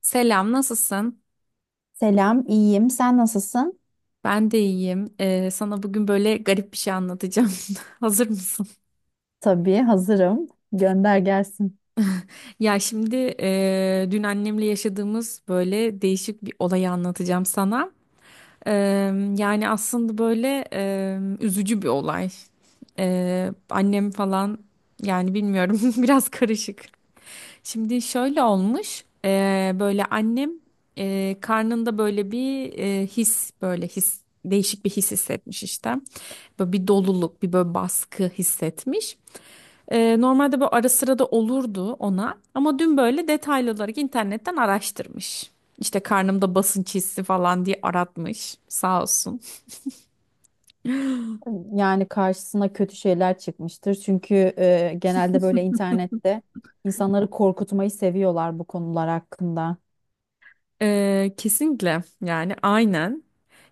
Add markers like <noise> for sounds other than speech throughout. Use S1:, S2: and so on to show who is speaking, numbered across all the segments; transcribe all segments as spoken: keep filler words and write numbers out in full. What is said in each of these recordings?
S1: Selam, nasılsın?
S2: Selam, iyiyim. Sen nasılsın?
S1: Ben de iyiyim. Ee, sana bugün böyle garip bir şey anlatacağım. <laughs> Hazır mısın?
S2: Tabii hazırım. Gönder gelsin.
S1: Ya şimdi e, dün annemle yaşadığımız böyle değişik bir olayı anlatacağım sana. Ee, Yani aslında böyle e, üzücü bir olay. Ee, annem falan, yani bilmiyorum, <laughs> biraz karışık. Şimdi şöyle olmuş, eee, böyle annem eee, karnında böyle bir eee, his, böyle his, değişik bir his hissetmiş işte. Böyle bir doluluk, bir böyle baskı hissetmiş. Eee, normalde böyle ara sıra da olurdu ona, ama dün böyle detaylı olarak internetten araştırmış. İşte karnımda basınç hissi falan diye aratmış, sağ olsun.
S2: Yani karşısına kötü şeyler çıkmıştır. Çünkü e, genelde böyle internette insanları korkutmayı seviyorlar bu konular hakkında.
S1: Ee, kesinlikle yani, aynen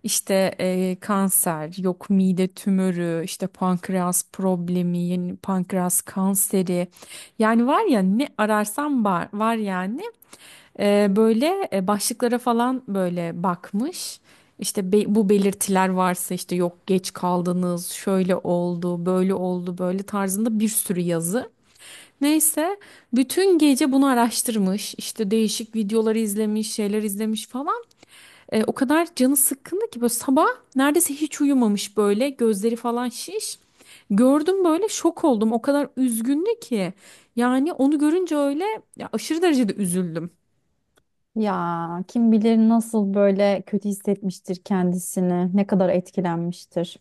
S1: işte e, kanser, yok mide tümörü, işte pankreas problemi, yeni pankreas kanseri, yani var ya, ne ararsam var, var yani. Ee, böyle e, başlıklara falan böyle bakmış, işte be- bu belirtiler varsa işte, yok geç kaldınız, şöyle oldu böyle oldu, böyle tarzında bir sürü yazı. Neyse, bütün gece bunu araştırmış, işte değişik videoları izlemiş, şeyler izlemiş falan. E, o kadar canı sıkkındı ki, böyle sabah neredeyse hiç uyumamış, böyle gözleri falan şiş. Gördüm, böyle şok oldum. O kadar üzgündü ki. Yani onu görünce öyle, ya aşırı derecede üzüldüm.
S2: Ya kim bilir nasıl böyle kötü hissetmiştir kendisini, ne kadar etkilenmiştir.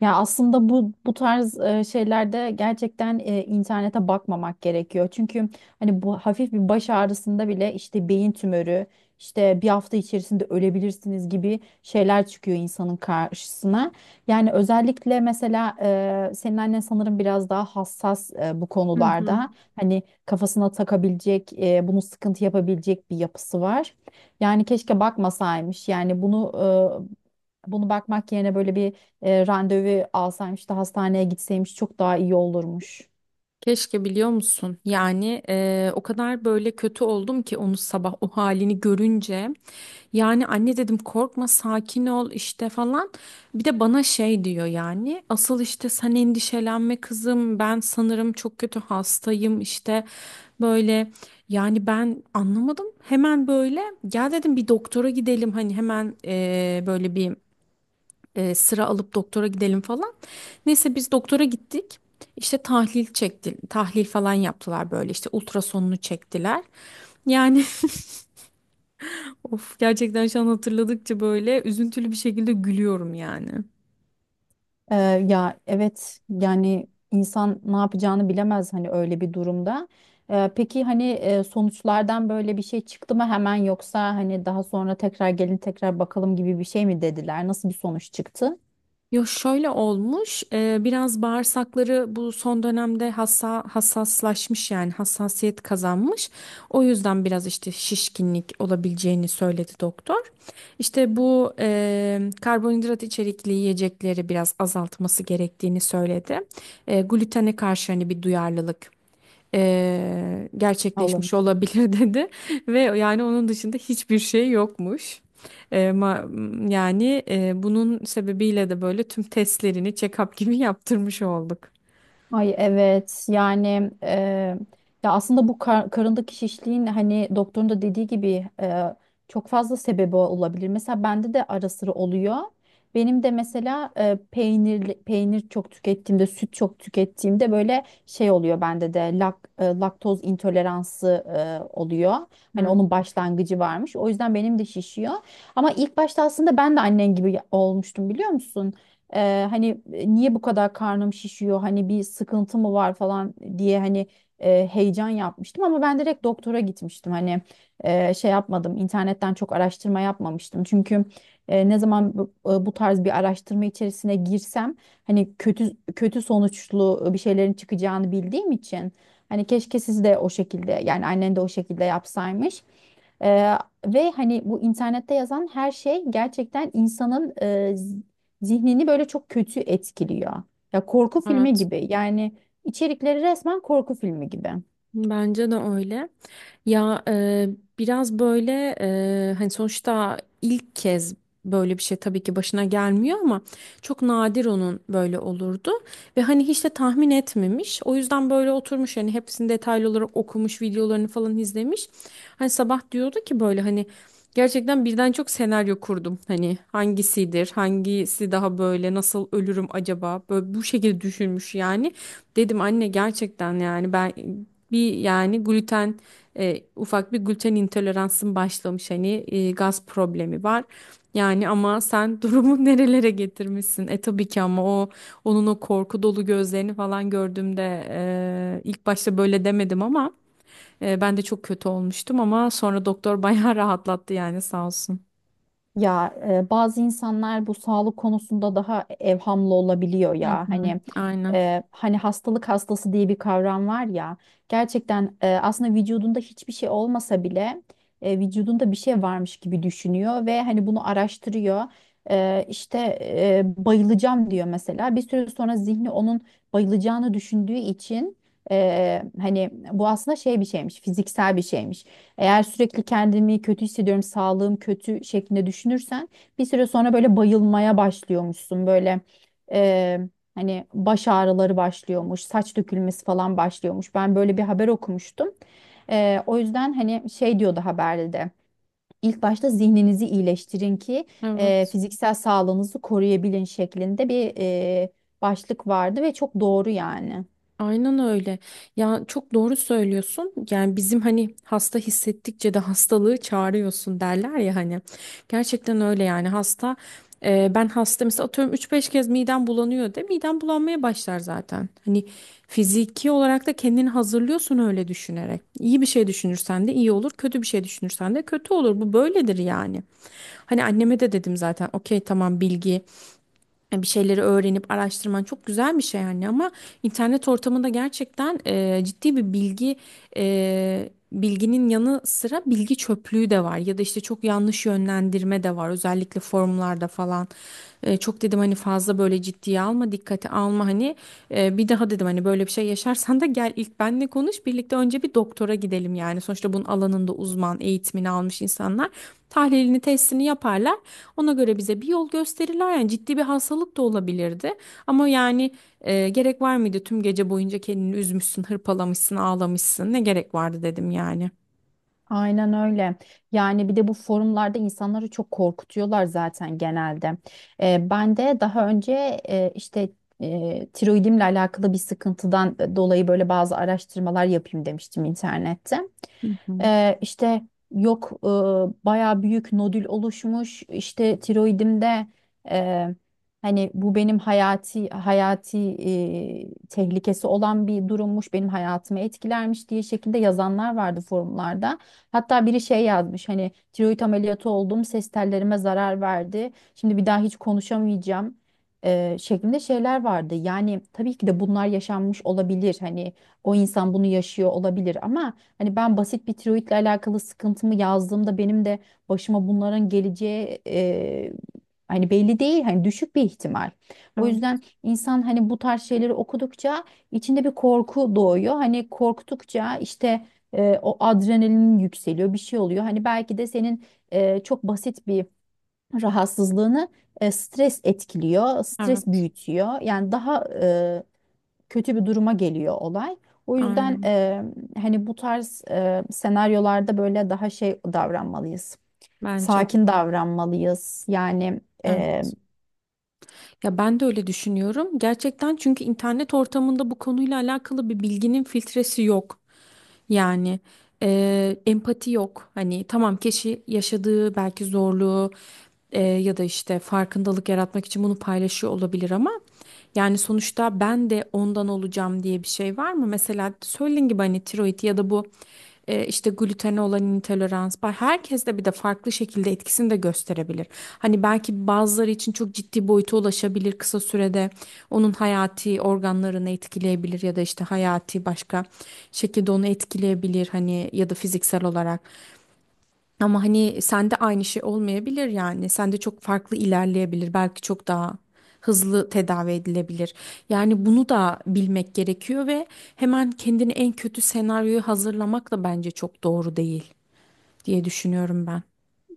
S2: Ya aslında bu bu tarz e, şeylerde gerçekten e, internete bakmamak gerekiyor. Çünkü hani bu hafif bir baş ağrısında bile işte beyin tümörü, işte bir hafta içerisinde ölebilirsiniz gibi şeyler çıkıyor insanın karşısına. Yani özellikle mesela e, senin annen sanırım biraz daha hassas, e, bu konularda hani kafasına takabilecek, e, bunu sıkıntı yapabilecek bir yapısı var. Yani keşke bakmasaymış. Yani bunu e, bunu bakmak yerine böyle bir e, randevu alsaymış da hastaneye gitseymiş çok daha iyi olurmuş.
S1: Keşke, biliyor musun? Yani eee, o kadar böyle kötü oldum ki, onu sabah o halini görünce. Yani anne dedim, korkma, sakin ol, işte falan. Bir de bana şey diyor yani, asıl işte sen endişelenme kızım, ben sanırım çok kötü hastayım, işte böyle. Yani ben anlamadım, hemen böyle gel dedim, bir doktora gidelim hani, hemen eee, böyle bir e, sıra alıp doktora gidelim falan. Neyse, biz doktora gittik. İşte tahlil çekti, tahlil falan yaptılar, böyle işte ultrasonunu çektiler. Yani, <laughs> of, gerçekten şu an hatırladıkça böyle üzüntülü bir şekilde gülüyorum yani.
S2: Ee, Ya evet yani insan ne yapacağını bilemez hani öyle bir durumda. Ee, peki hani e, sonuçlardan böyle bir şey çıktı mı hemen, yoksa hani daha sonra tekrar gelin tekrar bakalım gibi bir şey mi dediler? Nasıl bir sonuç çıktı?
S1: Yo, şöyle olmuş e, biraz bağırsakları bu son dönemde hassa, hassaslaşmış, yani hassasiyet kazanmış. O yüzden biraz işte şişkinlik olabileceğini söyledi doktor. İşte bu eee, karbonhidrat içerikli yiyecekleri biraz azaltması gerektiğini söyledi. Eee glutene karşı hani bir duyarlılık eee,
S2: Olur.
S1: gerçekleşmiş olabilir, <laughs> dedi ve yani onun dışında hiçbir şey yokmuş. Eee, ma- yani eee, bunun sebebiyle de böyle tüm testlerini check-up gibi <laughs> yaptırmış olduk.
S2: Ay evet yani e, ya aslında bu kar- karındaki şişliğin hani doktorun da dediği gibi e, çok fazla sebebi olabilir. Mesela bende de ara sıra oluyor. Benim de mesela e, peynir peynir çok tükettiğimde, süt çok tükettiğimde böyle şey oluyor bende de lak, e, laktoz intoleransı e, oluyor. Hani onun başlangıcı varmış. O yüzden benim de şişiyor. Ama ilk başta aslında ben de annen gibi olmuştum, biliyor musun? Eee, hani e, niye bu kadar karnım şişiyor, hani bir sıkıntı mı var falan diye, hani e, heyecan yapmıştım ama ben direkt doktora gitmiştim. Hani e, şey yapmadım, internetten çok araştırma yapmamıştım, çünkü e, ne zaman bu, e, bu tarz bir araştırma içerisine girsem hani kötü kötü sonuçlu e, bir şeylerin çıkacağını bildiğim için, hani keşke siz de o şekilde, yani annen de o şekilde yapsaymış. Eee, Ve hani bu internette yazan her şey gerçekten insanın zihnini böyle çok kötü etkiliyor. Ya korku filmi
S1: Evet.
S2: gibi yani, içerikleri resmen korku filmi gibi.
S1: Bence de öyle. Ya, e, biraz böyle, e, hani sonuçta ilk kez böyle bir şey tabii ki başına gelmiyor, ama çok nadir onun böyle olurdu. Ve hani hiç de tahmin etmemiş. O yüzden böyle oturmuş yani, hepsini detaylı olarak okumuş, videolarını falan izlemiş. Hani sabah diyordu ki böyle, hani gerçekten birden çok senaryo kurdum. Hani hangisidir, hangisi daha böyle, nasıl ölürüm acaba? Böyle bu şekilde düşünmüş yani. Dedim anne, gerçekten yani ben bir yani gluten, e, ufak bir gluten intoleransın başlamış, hani e, gaz problemi var. Yani ama sen <laughs> durumu nerelere getirmişsin? E, tabii ki, ama o, onun o korku dolu gözlerini falan gördüğümde, e, ilk başta böyle demedim, ama e, ben de çok kötü olmuştum, ama sonra doktor <laughs> bayağı rahatlattı yani, sağ olsun.
S2: Ya e, bazı insanlar bu sağlık konusunda daha evhamlı olabiliyor
S1: Hı
S2: ya.
S1: hı.
S2: Hani
S1: Aynen.
S2: e, hani hastalık hastası diye bir kavram var ya. Gerçekten e, aslında vücudunda hiçbir şey olmasa bile e, vücudunda bir şey varmış gibi düşünüyor ve hani bunu araştırıyor. E, işte e, bayılacağım diyor mesela. Bir süre sonra zihni onun bayılacağını düşündüğü için e, hani bu aslında şey bir şeymiş, fiziksel bir şeymiş. Eğer sürekli kendimi kötü hissediyorum, sağlığım kötü şeklinde düşünürsen bir süre sonra böyle bayılmaya başlıyormuşsun. Böyle eee, hani baş ağrıları başlıyormuş, saç dökülmesi falan başlıyormuş. Ben böyle bir haber okumuştum. Eee, o yüzden hani şey diyordu haberde de. İlk başta zihninizi iyileştirin ki eee,
S1: Evet.
S2: fiziksel sağlığınızı koruyabilin şeklinde bir eee, başlık vardı ve çok doğru yani.
S1: Aynen öyle. Ya çok doğru söylüyorsun. Yani bizim hani, hasta hissettikçe de hastalığı çağırıyorsun derler ya hani. Gerçekten öyle yani hasta. E, ben hasta mesela, atıyorum üç beş kez midem bulanıyor de, midem bulanmaya başlar zaten. Hani fiziki olarak da kendini hazırlıyorsun öyle düşünerek. İyi bir şey düşünürsen de iyi olur, kötü bir şey düşünürsen de kötü olur. Bu böyledir yani. Hani anneme de dedim zaten, okey tamam bilgi. Yani bir şeyleri öğrenip araştırman çok güzel bir şey yani, ama internet ortamında gerçekten e, ciddi bir bilgi, e, bilginin yanı sıra bilgi çöplüğü de var ya da işte çok yanlış yönlendirme de var, özellikle forumlarda falan. E, çok dedim hani, fazla böyle ciddiye alma, dikkate alma hani, e, bir daha dedim hani böyle bir şey yaşarsan da gel ilk benle konuş, birlikte önce bir doktora gidelim yani, sonuçta bunun alanında uzman eğitimini almış insanlar tahlilini testini yaparlar. Ona göre bize bir yol gösterirler. Yani ciddi bir hastalık da olabilirdi. Ama yani, e, gerek var mıydı? Tüm gece boyunca kendini üzmüşsün, hırpalamışsın, ağlamışsın. Ne gerek vardı, dedim yani.
S2: Aynen öyle. Yani bir de bu forumlarda insanları çok korkutuyorlar zaten genelde. Ee, ben de daha önce e, işte e, tiroidimle alakalı bir sıkıntıdan dolayı böyle bazı araştırmalar yapayım demiştim internette.
S1: Hı hı.
S2: Ee, işte Yok e, bayağı büyük nodül oluşmuş işte tiroidimde, e, hani bu benim hayati hayati e, tehlikesi olan bir durummuş, benim hayatımı etkilermiş diye şekilde yazanlar vardı forumlarda. Hatta biri şey yazmış, hani tiroid ameliyatı oldum, ses tellerime zarar verdi, şimdi bir daha hiç konuşamayacağım e, şeklinde şeyler vardı. Yani tabii ki de bunlar yaşanmış olabilir. Hani o insan bunu yaşıyor olabilir ama hani ben basit bir tiroidle alakalı sıkıntımı yazdığımda benim de başıma bunların geleceği e, hani belli değil, hani düşük bir ihtimal. O
S1: Evet.
S2: yüzden insan hani bu tarz şeyleri okudukça içinde bir korku doğuyor. Hani korktukça işte e, o adrenalin yükseliyor, bir şey oluyor. Hani belki de senin e, çok basit bir rahatsızlığını e, stres etkiliyor, stres
S1: Evet,
S2: büyütüyor. Yani daha kötü bir duruma geliyor olay. O yüzden
S1: aynen.
S2: e, hani bu tarz e, senaryolarda böyle daha şey davranmalıyız.
S1: Bence de.
S2: Sakin davranmalıyız. Yani
S1: Evet. Ya ben de öyle düşünüyorum. Gerçekten, çünkü internet ortamında bu konuyla alakalı bir bilginin filtresi yok. Yani e, empati yok. Hani tamam, kişi yaşadığı belki zorluğu, e, ya da işte farkındalık yaratmak için bunu paylaşıyor olabilir, ama yani sonuçta ben de ondan olacağım diye bir şey var mı? Mesela söylediğin gibi hani tiroid ya da bu e, işte glutene olan intolerans. Ba- Herkes de bir de farklı şekilde etkisini de gösterebilir. Hani belki bazıları için çok ciddi boyuta ulaşabilir kısa sürede. Onun hayati organlarını etkileyebilir ya da işte hayati başka şekilde onu etkileyebilir hani, ya da fiziksel olarak. Ama hani sende aynı şey olmayabilir yani. Sende çok farklı ilerleyebilir. Belki çok daha hızlı tedavi edilebilir. Yani bunu da bilmek gerekiyor ve hemen kendini en kötü senaryoyu hazırlamak da bence çok doğru değil diye düşünüyorum ben.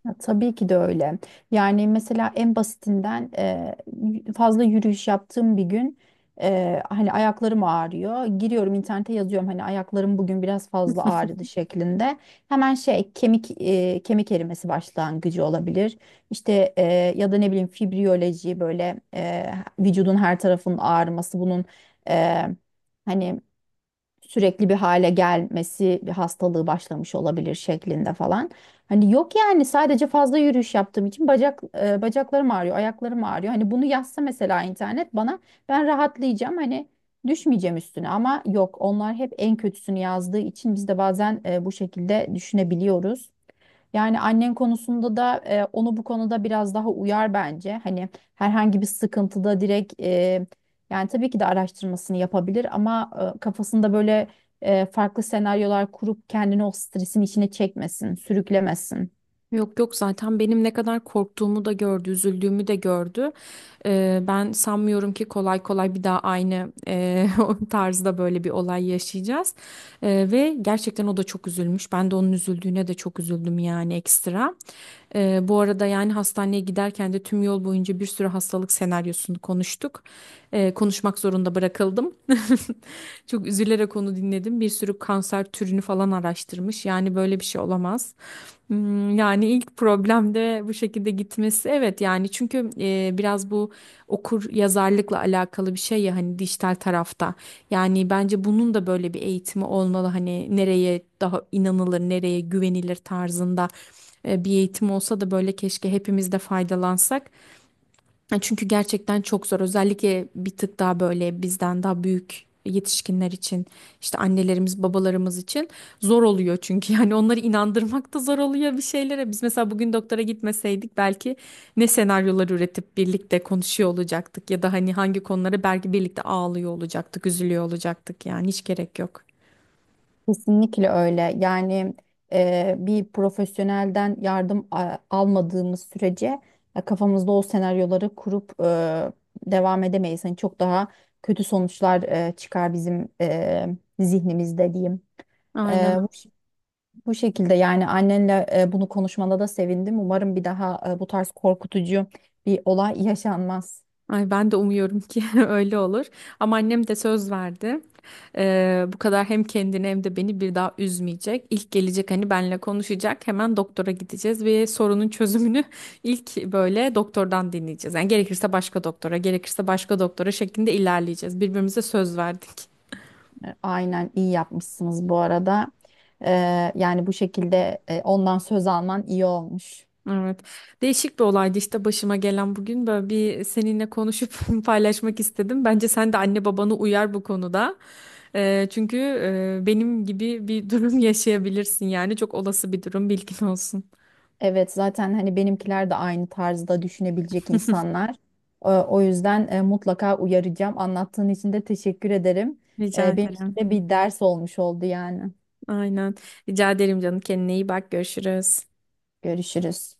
S2: ya, tabii ki de öyle. Yani mesela en basitinden e, y- fazla yürüyüş yaptığım bir gün e, hani ayaklarım ağrıyor. Giriyorum internete, yazıyorum hani ayaklarım bugün biraz fazla ağrıdı şeklinde. Hemen şey kemik e, kemik erimesi başlangıcı olabilir. İşte e, Ya da ne bileyim fibriyoloji böyle, e, vücudun her tarafının ağrıması bunun e, hani sürekli bir hale gelmesi, bir hastalığı başlamış olabilir şeklinde falan. Hani yok yani, sadece fazla yürüyüş yaptığım için bacak e, bacaklarım ağrıyor, ayaklarım ağrıyor. Hani bunu yazsa mesela internet bana, ben rahatlayacağım, hani düşmeyeceğim üstüne, ama yok, onlar hep en kötüsünü yazdığı için biz de bazen e, bu şekilde düşünebiliyoruz. Yani annen konusunda da e, onu bu konuda biraz daha uyar bence. Hani herhangi bir sıkıntıda direkt e, yani tabii ki de araştırmasını yapabilir ama e, kafasında böyle e, farklı senaryolar kurup kendini o stresin içine çekmesin, sürüklemesin.
S1: Yok yok, zaten benim ne kadar korktuğumu da gördü, üzüldüğümü de gördü. Ee, ben sanmıyorum ki kolay kolay bir daha aynı eee, <laughs> o tarzda böyle bir olay yaşayacağız. Ee, ve gerçekten o da çok üzülmüş. Ben de onun üzüldüğüne de çok üzüldüm yani, ekstra. Ee, bu arada yani, hastaneye giderken de tüm yol boyunca bir sürü hastalık senaryosunu konuştuk. Ee, konuşmak zorunda bırakıldım. <laughs> Çok üzülerek onu dinledim. Bir sürü kanser türünü falan araştırmış. Yani böyle bir şey olamaz. Hmm, Yani ilk problemde bu şekilde gitmesi evet yani, çünkü e, biraz bu okur yazarlıkla alakalı bir şey ya hani, dijital tarafta yani bence bunun da böyle bir eğitimi olmalı hani, nereye daha inanılır nereye güvenilir tarzında e, bir eğitim olsa da böyle, keşke hepimiz de faydalansak. Çünkü gerçekten çok zor. Özellikle bir tık daha böyle bizden daha büyük yetişkinler için, işte annelerimiz, babalarımız için zor oluyor çünkü, <laughs> yani onları inandırmak da zor oluyor bir şeylere. Biz mesela bugün doktora gitmeseydik, belki ne senaryolar üretip birlikte konuşuyor olacaktık, ya da hani hangi konuları belki birlikte ağlıyor olacaktık, üzülüyor olacaktık, yani hiç gerek yok.
S2: Kesinlikle öyle. Yani e, bir profesyonelden yardım a- almadığımız sürece e, kafamızda o senaryoları kurup e, devam edemeyiz. Hani çok daha kötü sonuçlar e, çıkar bizim e, zihnimizde diyeyim.
S1: Aynen.
S2: E, bu, ş- Bu şekilde yani annenle e, bunu konuşmana da sevindim. Umarım bir daha e, bu tarz korkutucu bir olay yaşanmaz.
S1: Ay ben de umuyorum ki <laughs> öyle olur. Ama annem de söz verdi. Ee, bu kadar hem kendini hem de beni bir daha üzmeyecek. İlk gelecek hani, benle konuşacak. Hemen doktora gideceğiz ve sorunun çözümünü <laughs> ilk böyle doktordan dinleyeceğiz. Yani gerekirse başka doktora, gerekirse başka doktora şeklinde ilerleyeceğiz. Birbirimize söz verdik.
S2: E, Aynen, iyi yapmışsınız bu arada. E, Yani bu şekilde e, ondan söz alman iyi olmuş.
S1: Evet. Değişik bir olaydı işte başıma gelen bugün. Böyle, bir seninle konuşup <laughs> paylaşmak istedim. Bence sen de anne babanı uyar bu konuda. Ee, çünkü e, benim gibi bir durum <laughs> yaşayabilirsin yani. Çok olası bir durum, bilgin olsun.
S2: Evet, zaten hani benimkiler de aynı tarzda düşünebilecek insanlar. Ee, O yüzden e, mutlaka uyaracağım. Anlattığın için de teşekkür ederim.
S1: Rica
S2: Ee, Benim için
S1: ederim.
S2: de bir ders olmuş oldu yani.
S1: Aynen. Rica ederim canım. Kendine iyi bak. Görüşürüz.
S2: Görüşürüz.